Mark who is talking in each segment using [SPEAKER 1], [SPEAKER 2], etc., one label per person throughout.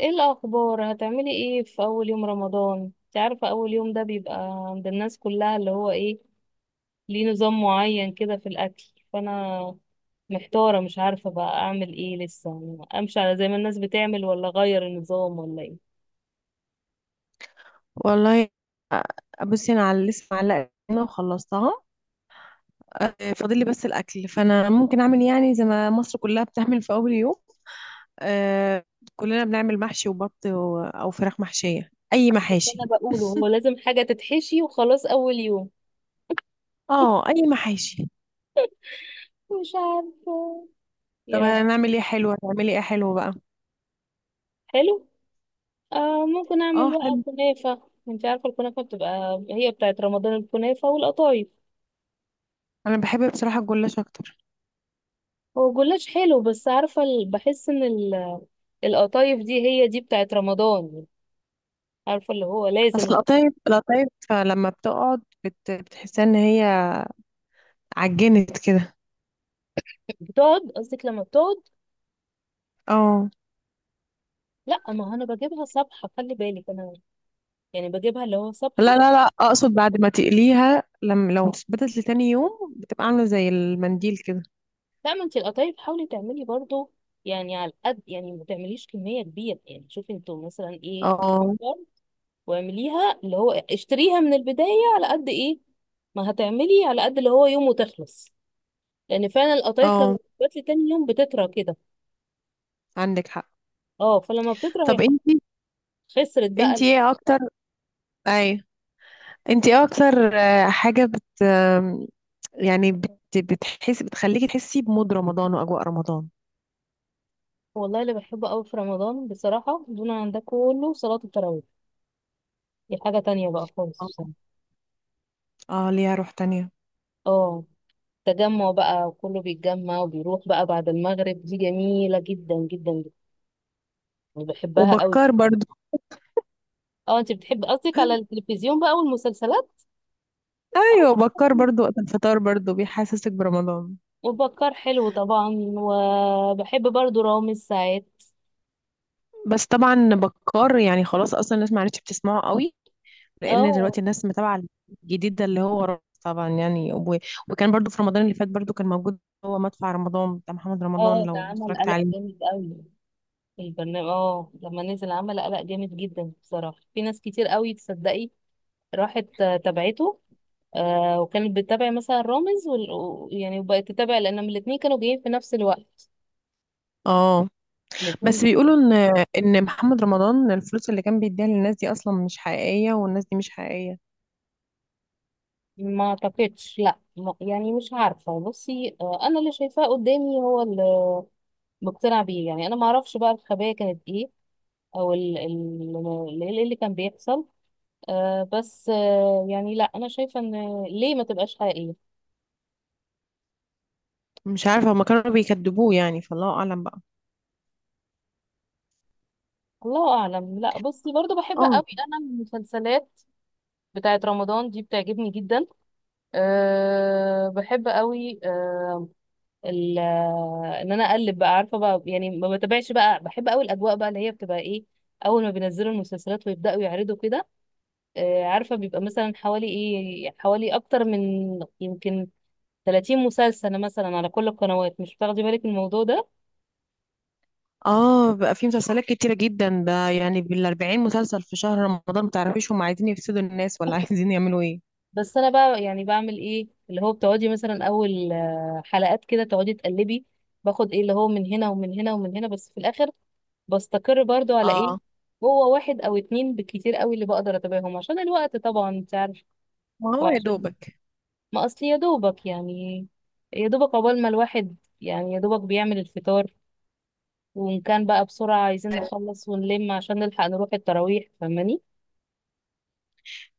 [SPEAKER 1] ايه الاخبار، هتعملي ايه في اول يوم رمضان؟ انت عارفه اول يوم ده بيبقى عند الناس كلها اللي هو ايه، ليه نظام معين كده في الاكل. فانا محتاره، مش عارفه بقى اعمل ايه، لسه امشي على زي ما الناس بتعمل ولا اغير النظام ولا ايه.
[SPEAKER 2] والله، بصي، انا على لسه معلقه هنا وخلصتها. فاضل لي بس الاكل، فانا ممكن اعمل يعني زي ما مصر كلها بتعمل في اول يوم. آه، كلنا بنعمل محشي وبط او فراخ محشيه، اي
[SPEAKER 1] بس انا
[SPEAKER 2] محاشي.
[SPEAKER 1] بقوله هو لازم حاجه تتحشي وخلاص اول يوم.
[SPEAKER 2] اه، اي محاشي.
[SPEAKER 1] مش عارفه
[SPEAKER 2] طب،
[SPEAKER 1] يعني.
[SPEAKER 2] هنعمل ايه حلو؟ هتعملي ايه حلو بقى؟
[SPEAKER 1] حلو. آه، ممكن
[SPEAKER 2] اه،
[SPEAKER 1] اعمل بقى
[SPEAKER 2] حلو.
[SPEAKER 1] كنافه. انت عارفه الكنافه بتبقى هي بتاعت رمضان، الكنافه والقطايف.
[SPEAKER 2] انا بحب بصراحه الجلاش اكتر.
[SPEAKER 1] هو جلاش حلو، بس عارفه بحس ان القطايف دي هي دي بتاعت رمضان. عارفه اللي هو لازم،
[SPEAKER 2] اصل
[SPEAKER 1] لا.
[SPEAKER 2] القطايف، القطايف لما بتقعد بتحسها ان هي عجنت كده.
[SPEAKER 1] بتقعد، قصدك لما بتقعد.
[SPEAKER 2] اه.
[SPEAKER 1] لا، ما هو انا بجيبها صبحه، خلي بالك انا، يعني بجيبها اللي هو
[SPEAKER 2] لا،
[SPEAKER 1] صبحه.
[SPEAKER 2] لا، لا، اقصد بعد ما تقليها، لما لو ثبتت لتاني يوم بتبقى عامله زي المنديل كده.
[SPEAKER 1] لا، ما انت القطايف حاولي تعملي برضو، يعني على قد، يعني ما تعمليش كميه كبيره، يعني شوفي انتوا مثلا ايه،
[SPEAKER 2] اه،
[SPEAKER 1] واعمليها اللي هو اشتريها من البدايه على قد ايه. ما هتعملي على قد اللي هو يوم وتخلص، لان فعلا القطايف لما
[SPEAKER 2] اه،
[SPEAKER 1] بتبات لي تاني يوم بتطرى كده.
[SPEAKER 2] عندك حق.
[SPEAKER 1] اه، فلما بتطرى هي
[SPEAKER 2] طب،
[SPEAKER 1] خلاص،
[SPEAKER 2] انتي
[SPEAKER 1] خسرت بقى.
[SPEAKER 2] انتي ايه اكتر؟ اي انتي ايه اكتر، حاجه بت آم، يعني بتحس، بتخليكي تحسي بمود رمضان واجواء رمضان؟
[SPEAKER 1] والله اللي بحبه قوي في رمضان بصراحة دون عن ده كله صلاة التراويح. دي حاجة تانية بقى خالص بصراحة.
[SPEAKER 2] اه. ليها روح تانية.
[SPEAKER 1] اه، تجمع بقى وكله بيتجمع وبيروح بقى بعد المغرب، دي جميلة جدا جدا جدا. أنا بحبها قوي.
[SPEAKER 2] وبكار برضو.
[SPEAKER 1] اه، انت بتحب قصدك على التلفزيون بقى والمسلسلات. اه
[SPEAKER 2] ايوه، بكار
[SPEAKER 1] طبعاً.
[SPEAKER 2] برضو وقت الفطار برضو بيحسسك برمضان.
[SPEAKER 1] وبكار حلو طبعا، وبحب برضو رامز ساعات.
[SPEAKER 2] بس طبعا بكار، يعني، خلاص اصلا الناس ما عادتش بتسمعه قوي، لان
[SPEAKER 1] اه.
[SPEAKER 2] دلوقتي الناس متابعه الجديد ده اللي هو رامز طبعا، يعني وكان برضو في رمضان اللي فات برضو كان موجود. هو مدفع رمضان بتاع محمد رمضان،
[SPEAKER 1] اه، ده
[SPEAKER 2] لو
[SPEAKER 1] عمل
[SPEAKER 2] اتفرجت
[SPEAKER 1] قلق
[SPEAKER 2] عليه.
[SPEAKER 1] جامد قوي البرنامج، اه لما نزل عمل قلق جامد جدا بصراحة، في ناس كتير قوي تصدقي راحت تابعته. وكانت بتتابع مثلا رامز و يعني وبقت تتابع لأنهم الاتنين كانوا جايين في نفس الوقت،
[SPEAKER 2] اه، بس
[SPEAKER 1] الاتنين.
[SPEAKER 2] بيقولوا ان محمد رمضان الفلوس اللي كان بيديها للناس دي اصلا مش حقيقيه، والناس دي مش حقيقيه.
[SPEAKER 1] ما اعتقدش، لا ما- يعني مش عارفة، بصي آه، أنا اللي شايفاه قدامي هو اللي مقتنع بيه، يعني أنا ما اعرفش بقى الخبايا كانت إيه، أو إيه اللي كان بيحصل. آه بس آه، يعني لا أنا شايفة إن ليه ما تبقاش حقيقية.
[SPEAKER 2] مش عارفه، هما كانوا بيكذبوه يعني، فالله اعلم بقى.
[SPEAKER 1] الله أعلم. لا بصي، برضو بحب قوي
[SPEAKER 2] اه،
[SPEAKER 1] أنا المسلسلات بتاعت رمضان دي، بتعجبني جدا. أه، بحب قوي ال- ان انا اقلب بقى، عارفه بقى يعني ما بتابعش بقى، بحب قوي الاجواء بقى اللي هي بتبقى ايه. اول ما بينزلوا المسلسلات ويبداوا يعرضوا كده، عارفه بيبقى مثلا حوالي ايه، حوالي اكتر من يمكن 30 مسلسل مثلا على كل القنوات، مش بتاخدي بالك من الموضوع ده.
[SPEAKER 2] اه، بقى في مسلسلات كتيره جدا، ده يعني بالاربعين مسلسل في شهر رمضان. متعرفيش هما عايزين يفسدوا الناس، ولا عايزين يعملوا ايه؟
[SPEAKER 1] بس انا بقى يعني بعمل ايه اللي هو بتقعدي مثلا اول حلقات كده تقعدي تقلبي، باخد ايه اللي هو من هنا ومن هنا ومن هنا، بس في الاخر بستقر برضو على ايه،
[SPEAKER 2] اه،
[SPEAKER 1] هو واحد او اتنين بالكتير قوي اللي بقدر اتابعهم عشان الوقت طبعا انت عارف.
[SPEAKER 2] ما هو يا
[SPEAKER 1] وعشان
[SPEAKER 2] دوبك.
[SPEAKER 1] ما اصل يا دوبك يعني، يا دوبك عقبال ما الواحد يعني يا دوبك بيعمل الفطار، وان كان بقى بسرعة عايزين نخلص ونلم عشان نلحق نروح التراويح، فاهماني.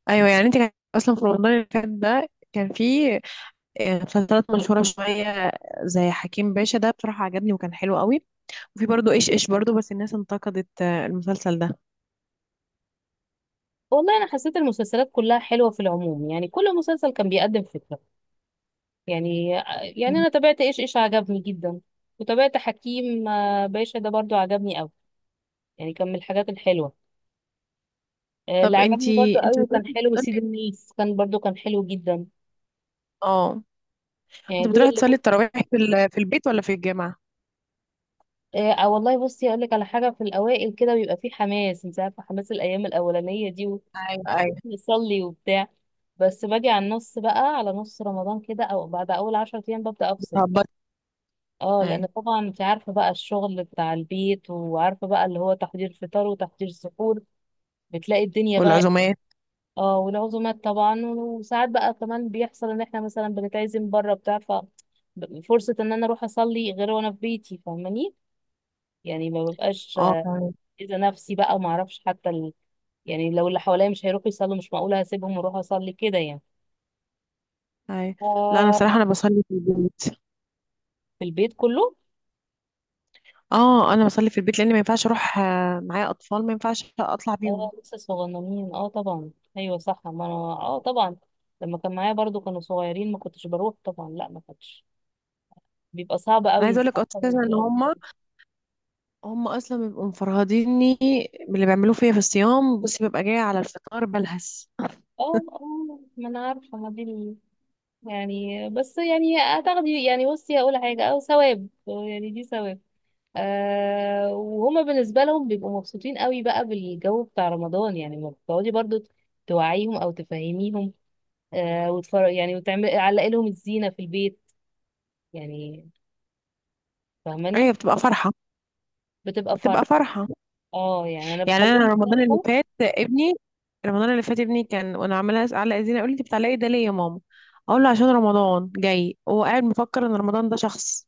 [SPEAKER 2] ايوه، يعني انت كان اصلا في رمضان اللي فات ده كان في مسلسلات مشهوره شويه، زي حكيم باشا، ده بصراحه عجبني وكان حلو قوي. وفي برضه ايش ايش برضه، بس الناس انتقدت المسلسل ده.
[SPEAKER 1] والله انا حسيت المسلسلات كلها حلوة في العموم، يعني كل مسلسل كان بيقدم فكرة. يعني يعني
[SPEAKER 2] مم.
[SPEAKER 1] انا تابعت ايش ايش، عجبني جدا. وتابعت حكيم باشا ده برضو، عجبني قوي، يعني كان من الحاجات الحلوة. اللي
[SPEAKER 2] طب،
[SPEAKER 1] عجبني برضو
[SPEAKER 2] انتي
[SPEAKER 1] قوي
[SPEAKER 2] انتي
[SPEAKER 1] وكان
[SPEAKER 2] بتروحي
[SPEAKER 1] حلو سيد
[SPEAKER 2] تصلي-
[SPEAKER 1] الناس، كان برضو كان حلو جدا.
[SPEAKER 2] اه،
[SPEAKER 1] يعني
[SPEAKER 2] انت
[SPEAKER 1] دول
[SPEAKER 2] بتروحي تصلي التراويح في في البيت ولا في الجامعه؟
[SPEAKER 1] آه. والله بصي اقول لك على حاجه، في الاوائل كده بيبقى فيه حماس، انت عارفه حماس الايام الاولانيه دي،
[SPEAKER 2] ايوه، ايوه.
[SPEAKER 1] ونصلي وبتاع. بس باجي على النص بقى، على نص رمضان كده او بعد اول 10 ايام ببدا افصل.
[SPEAKER 2] بتهبطي؟
[SPEAKER 1] اه، لان
[SPEAKER 2] ايوه.
[SPEAKER 1] طبعا انت عارفه بقى الشغل بتاع البيت، وعارفه بقى اللي هو تحضير فطار وتحضير سحور، بتلاقي الدنيا بقى.
[SPEAKER 2] والعزومات.
[SPEAKER 1] اه، والعزومات طبعا، وساعات بقى كمان بيحصل ان احنا مثلا بنتعزم بره بتاع، فرصة ان انا اروح اصلي غير وانا في بيتي، فاهماني، يعني ما ببقاش،
[SPEAKER 2] اه، تمام.
[SPEAKER 1] اذا نفسي بقى، وما اعرفش حتى يعني لو اللي حواليا مش هيروحوا يصلوا، مش معقولة هسيبهم واروح اصلي كده يعني.
[SPEAKER 2] ايوه. لا، انا
[SPEAKER 1] ف-
[SPEAKER 2] بصراحه انا بصلي في البيت.
[SPEAKER 1] في البيت كله.
[SPEAKER 2] اه، انا بصلي في البيت لان ما ينفعش اروح، معايا اطفال، ما ينفعش اطلع بيهم.
[SPEAKER 1] اه لسه صغننين اه طبعا. ايوه صح، ما انا اه طبعا، لما كان معايا برضو كانوا صغيرين ما كنتش بروح طبعا، لا ما كنتش، بيبقى صعب
[SPEAKER 2] انا
[SPEAKER 1] قوي
[SPEAKER 2] عايزه
[SPEAKER 1] انت
[SPEAKER 2] اقول لك
[SPEAKER 1] عارفه
[SPEAKER 2] اساسا
[SPEAKER 1] إن في.
[SPEAKER 2] ان هم اصلا بيبقوا مفرهديني باللي بيعملوه فيا في الصيام، بس ببقى جايه على الفطار بلهس.
[SPEAKER 1] اه اه، ما انا عارفه، ما دي ال- يعني، بس يعني هتاخدي، يعني بصي هقول حاجه، او ثواب يعني دي ثواب. آه، وهما بالنسبه لهم بيبقوا مبسوطين قوي بقى بالجو بتاع رمضان، يعني ما بتقعدي برضو توعيهم او تفهميهم. آه، وتفر يعني وتعمل علقي لهم الزينه في البيت يعني، فاهماني.
[SPEAKER 2] ايوه، بتبقى فرحه،
[SPEAKER 1] بتبقى
[SPEAKER 2] بتبقى
[SPEAKER 1] فرحه.
[SPEAKER 2] فرحه.
[SPEAKER 1] اه يعني انا
[SPEAKER 2] يعني انا
[SPEAKER 1] بخليهم
[SPEAKER 2] رمضان اللي
[SPEAKER 1] يفرحوا.
[SPEAKER 2] فات ابني رمضان اللي فات ابني كان وانا عماله اعلق زينه، اقول لي: انت بتعلقي ده ليه يا ماما؟ اقول له عشان رمضان جاي. هو قاعد مفكر ان رمضان ده شخص.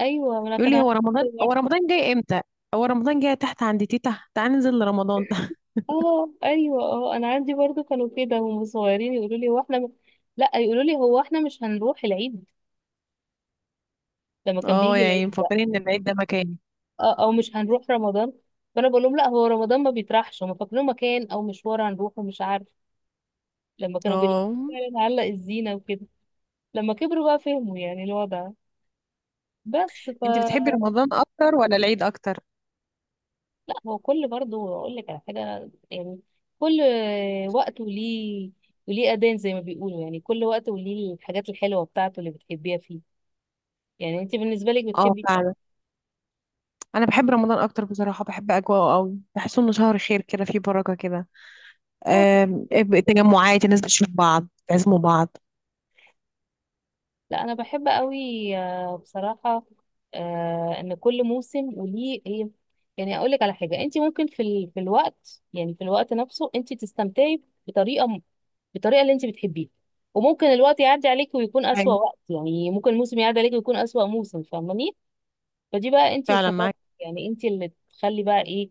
[SPEAKER 1] ايوه ما انا
[SPEAKER 2] يقول
[SPEAKER 1] كان
[SPEAKER 2] لي:
[SPEAKER 1] عارفه كده.
[SPEAKER 2] هو رمضان جاي امتى؟ هو رمضان جاي تحت عند تيتا، تعالى ننزل لرمضان.
[SPEAKER 1] اه ايوه، اه انا عندي برضو كانوا كده وهم صغيرين يقولوا لي هو لا يقولوا لي هو احنا مش هنروح العيد، لما كان
[SPEAKER 2] اه،
[SPEAKER 1] بيجي العيد
[SPEAKER 2] يعني
[SPEAKER 1] بقى.
[SPEAKER 2] مفكرين ان العيد ده مكاني.
[SPEAKER 1] او مش هنروح رمضان. فانا بقول لهم لا، هو رمضان ما بيطرحش، هم فاكرين مكان او مشوار هنروحه مش عارف. لما كانوا بيلاقوا
[SPEAKER 2] اه،
[SPEAKER 1] فعلا علق الزينه وكده، لما كبروا بقى فهموا يعني الوضع. بس ف
[SPEAKER 2] انت بتحبي رمضان اكتر ولا العيد اكتر؟
[SPEAKER 1] لا هو كل، برضو اقول لك على حاجه يعني، كل وقت وليه، وليه اذان زي ما بيقولوا، يعني كل وقت وليه الحاجات الحلوه بتاعته اللي بتحبيها فيه. يعني انت بالنسبه لك
[SPEAKER 2] اه،
[SPEAKER 1] بتحبي ايه أكتر؟
[SPEAKER 2] فعلا. انا بحب رمضان اكتر بصراحه، بحب اجواءه قوي، بحس انه شهر خير كده، فيه بركه كده.
[SPEAKER 1] اه طبعا.
[SPEAKER 2] آم، تجمعات الناس، بتشوف بعض، تعزموا بعض.
[SPEAKER 1] لا انا بحب قوي بصراحه. ان كل موسم وليه ايه. يعني اقول لك على حاجه، انت ممكن في في الوقت، يعني في الوقت نفسه انت تستمتعي بالطريقه اللي انت بتحبيها، وممكن الوقت يعدي عليك ويكون اسوأ
[SPEAKER 2] ايوه،
[SPEAKER 1] وقت، يعني ممكن الموسم يعدي عليك ويكون اسوأ موسم، فاهماني. فدي بقى انت
[SPEAKER 2] فعلا
[SPEAKER 1] وشطارتك،
[SPEAKER 2] معاك.
[SPEAKER 1] يعني انت اللي تخلي بقى ايه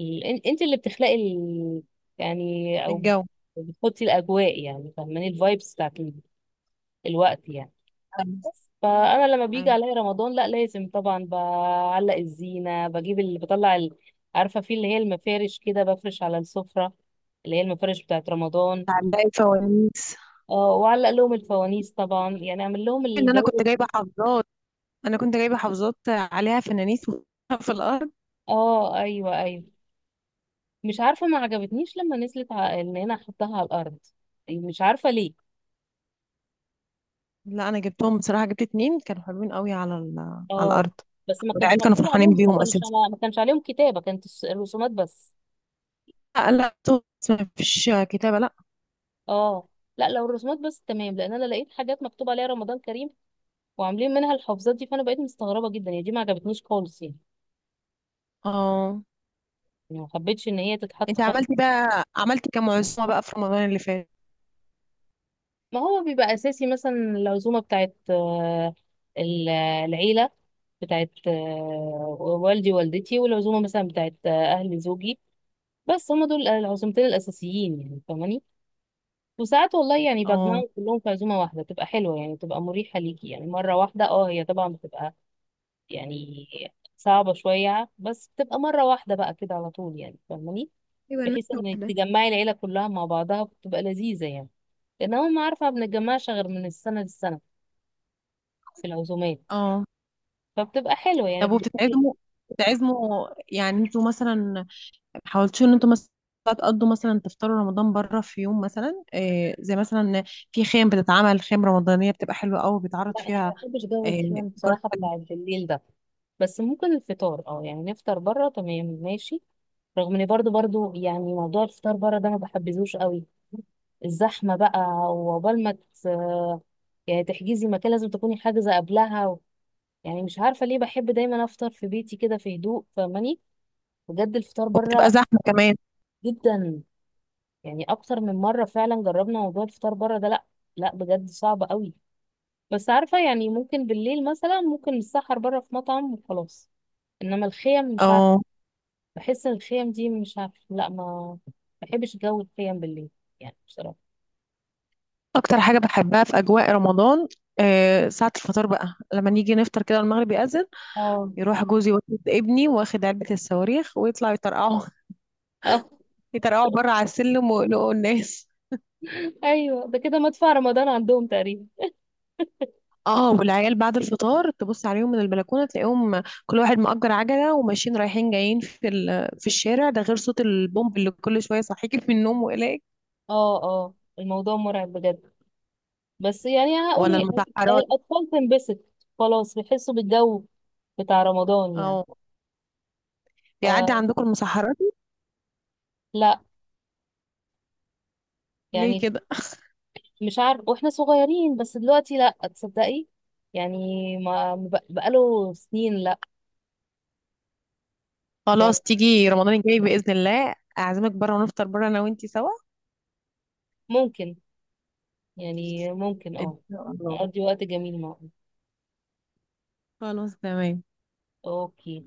[SPEAKER 1] انت اللي بتخلقي يعني، او
[SPEAKER 2] الجو.
[SPEAKER 1] بتحطي الاجواء يعني، فاهماني، الفايبس بتاعت الوقت يعني.
[SPEAKER 2] ايوه،
[SPEAKER 1] بس فانا لما بيجي
[SPEAKER 2] أيوة.
[SPEAKER 1] عليا رمضان، لا لازم طبعا بعلق الزينه، بجيب اللي بطلع عارفه في اللي هي المفارش كده بفرش على السفره، اللي هي المفارش بتاعت رمضان.
[SPEAKER 2] تعلقي الفوانيس.
[SPEAKER 1] اه وعلق لهم الفوانيس طبعا، يعني اعمل لهم
[SPEAKER 2] ان
[SPEAKER 1] الجو ده.
[SPEAKER 2] انا كنت جايبه حافظات عليها فوانيس في الارض.
[SPEAKER 1] اه ايوه ايوه. مش عارفه ما عجبتنيش لما نزلت ان انا احطها على الارض، مش عارفه ليه.
[SPEAKER 2] لا، انا جبتهم بصراحه، جبت اتنين كانوا حلوين قوي على على
[SPEAKER 1] اه
[SPEAKER 2] الارض.
[SPEAKER 1] بس ما كانش
[SPEAKER 2] والعيال كانوا
[SPEAKER 1] مكتوب
[SPEAKER 2] فرحانين
[SPEAKER 1] عليهم، ما
[SPEAKER 2] بيهم
[SPEAKER 1] كانش،
[SPEAKER 2] اساسا.
[SPEAKER 1] ما كانش عليهم كتابه، كانت الرسومات بس.
[SPEAKER 2] لا، لا، ما فيش كتابه، لا.
[SPEAKER 1] اه، لا لو الرسومات بس تمام، لان انا لقيت حاجات مكتوب عليها رمضان كريم، وعاملين منها الحفظات دي، فانا بقيت مستغربه جدا، يعني دي ما عجبتنيش خالص يعني،
[SPEAKER 2] اه،
[SPEAKER 1] يعني ما حبيتش ان هي تتحط
[SPEAKER 2] انت عملتي كام عزومه بقى في رمضان اللي فات؟
[SPEAKER 1] ما هو بيبقى اساسي مثلا العزومه بتاعت ال- العيله بتاعت والدي ووالدتي، والعزومه مثلا بتاعت اهل زوجي، بس هم دول العزومتين الاساسيين يعني، فاهماني. وساعات والله يعني
[SPEAKER 2] اه،
[SPEAKER 1] بجمعهم كلهم في عزومه واحده، تبقى حلوه يعني، تبقى مريحه ليكي يعني مره واحده، اه هي طبعا بتبقى يعني صعبة شوية، بس بتبقى مرة واحدة بقى كده على طول يعني، فاهماني،
[SPEAKER 2] يبقى
[SPEAKER 1] بحيث
[SPEAKER 2] نكتة
[SPEAKER 1] انك
[SPEAKER 2] واحدة.
[SPEAKER 1] تجمعي العيلة كلها مع بعضها، بتبقى لذيذة يعني، لان هم عارفة ما بنتجمعش غير من السنة للسنة في العزومات،
[SPEAKER 2] اه،
[SPEAKER 1] فبتبقى حلوة يعني
[SPEAKER 2] طب، وبتتعزموا يعني انتوا مثلا حاولتوا ان انتوا مثلا تقضوا، مثلا تفطروا رمضان بره في يوم، مثلا إيه، زي مثلا في خيم بتتعمل، خيم رمضانية بتبقى حلوة قوي بيتعرض
[SPEAKER 1] لا انا ما
[SPEAKER 2] فيها
[SPEAKER 1] بحبش جو
[SPEAKER 2] إيه،
[SPEAKER 1] الكلام
[SPEAKER 2] فقرات
[SPEAKER 1] بصراحة
[SPEAKER 2] حلوة.
[SPEAKER 1] بتاع بالليل ده. بس ممكن الفطار اه يعني نفطر بره تمام ماشي، رغم اني برضو برضو يعني موضوع الفطار بره ده ما بحبذوش قوي، الزحمة بقى، وعقبال ما ت- يعني تحجزي مكان لازم تكوني حاجزة قبلها. يعني مش عارفة ليه بحب دايما أفطر في بيتي كده في هدوء، فاهماني، بجد الفطار
[SPEAKER 2] وبتبقى
[SPEAKER 1] بره
[SPEAKER 2] زحمة كمان.
[SPEAKER 1] جدا. يعني أكتر من مرة فعلا جربنا موضوع الفطار بره ده، لأ لأ بجد صعب قوي. بس عارفة يعني ممكن بالليل مثلا ممكن نتسحر بره في مطعم وخلاص، إنما الخيم مش عارفة،
[SPEAKER 2] اه،
[SPEAKER 1] بحس إن الخيم دي مش عارفة لأ، ما بحبش جو الخيم بالليل يعني بصراحة.
[SPEAKER 2] اكتر حاجة بحبها في اجواء رمضان إيه؟ ساعة الفطار بقى، لما نيجي نفطر كده، المغرب يأذن،
[SPEAKER 1] اه
[SPEAKER 2] يروح جوزي واخد ابني واخد علبة الصواريخ ويطلعوا يطرقعوا.
[SPEAKER 1] اه
[SPEAKER 2] يطرقعوا بره على السلم ويقلقوا الناس.
[SPEAKER 1] أيوه ده كده مدفع رمضان عندهم تقريبا.
[SPEAKER 2] اه، والعيال بعد الفطار تبص عليهم من البلكونه تلاقيهم كل واحد مأجر عجله وماشيين رايحين جايين في في الشارع، ده غير صوت البومب اللي كل شويه صحيك من النوم وإليك.
[SPEAKER 1] اه اه الموضوع مرعب بجد. بس يعني
[SPEAKER 2] ولا
[SPEAKER 1] هي
[SPEAKER 2] المسحرات.
[SPEAKER 1] الأطفال تنبسط، خلاص بيحسوا بالجو بتاع رمضان يعني،
[SPEAKER 2] اه، يعدي
[SPEAKER 1] فلا
[SPEAKER 2] عندكم المسحرات؟ ليه
[SPEAKER 1] يعني.
[SPEAKER 2] كده؟
[SPEAKER 1] مش عارف، واحنا صغيرين، بس دلوقتي لا تصدقي يعني ما بقاله سنين لا.
[SPEAKER 2] خلاص، تيجي رمضان الجاي بإذن الله اعزمك بره، ونفطر بره انا وانتي سوا.
[SPEAKER 1] ممكن، يعني ممكن
[SPEAKER 2] ان
[SPEAKER 1] اه
[SPEAKER 2] شاء الله.
[SPEAKER 1] نقضي وقت جميل معه.
[SPEAKER 2] خلاص، تمام.
[SPEAKER 1] اوكي.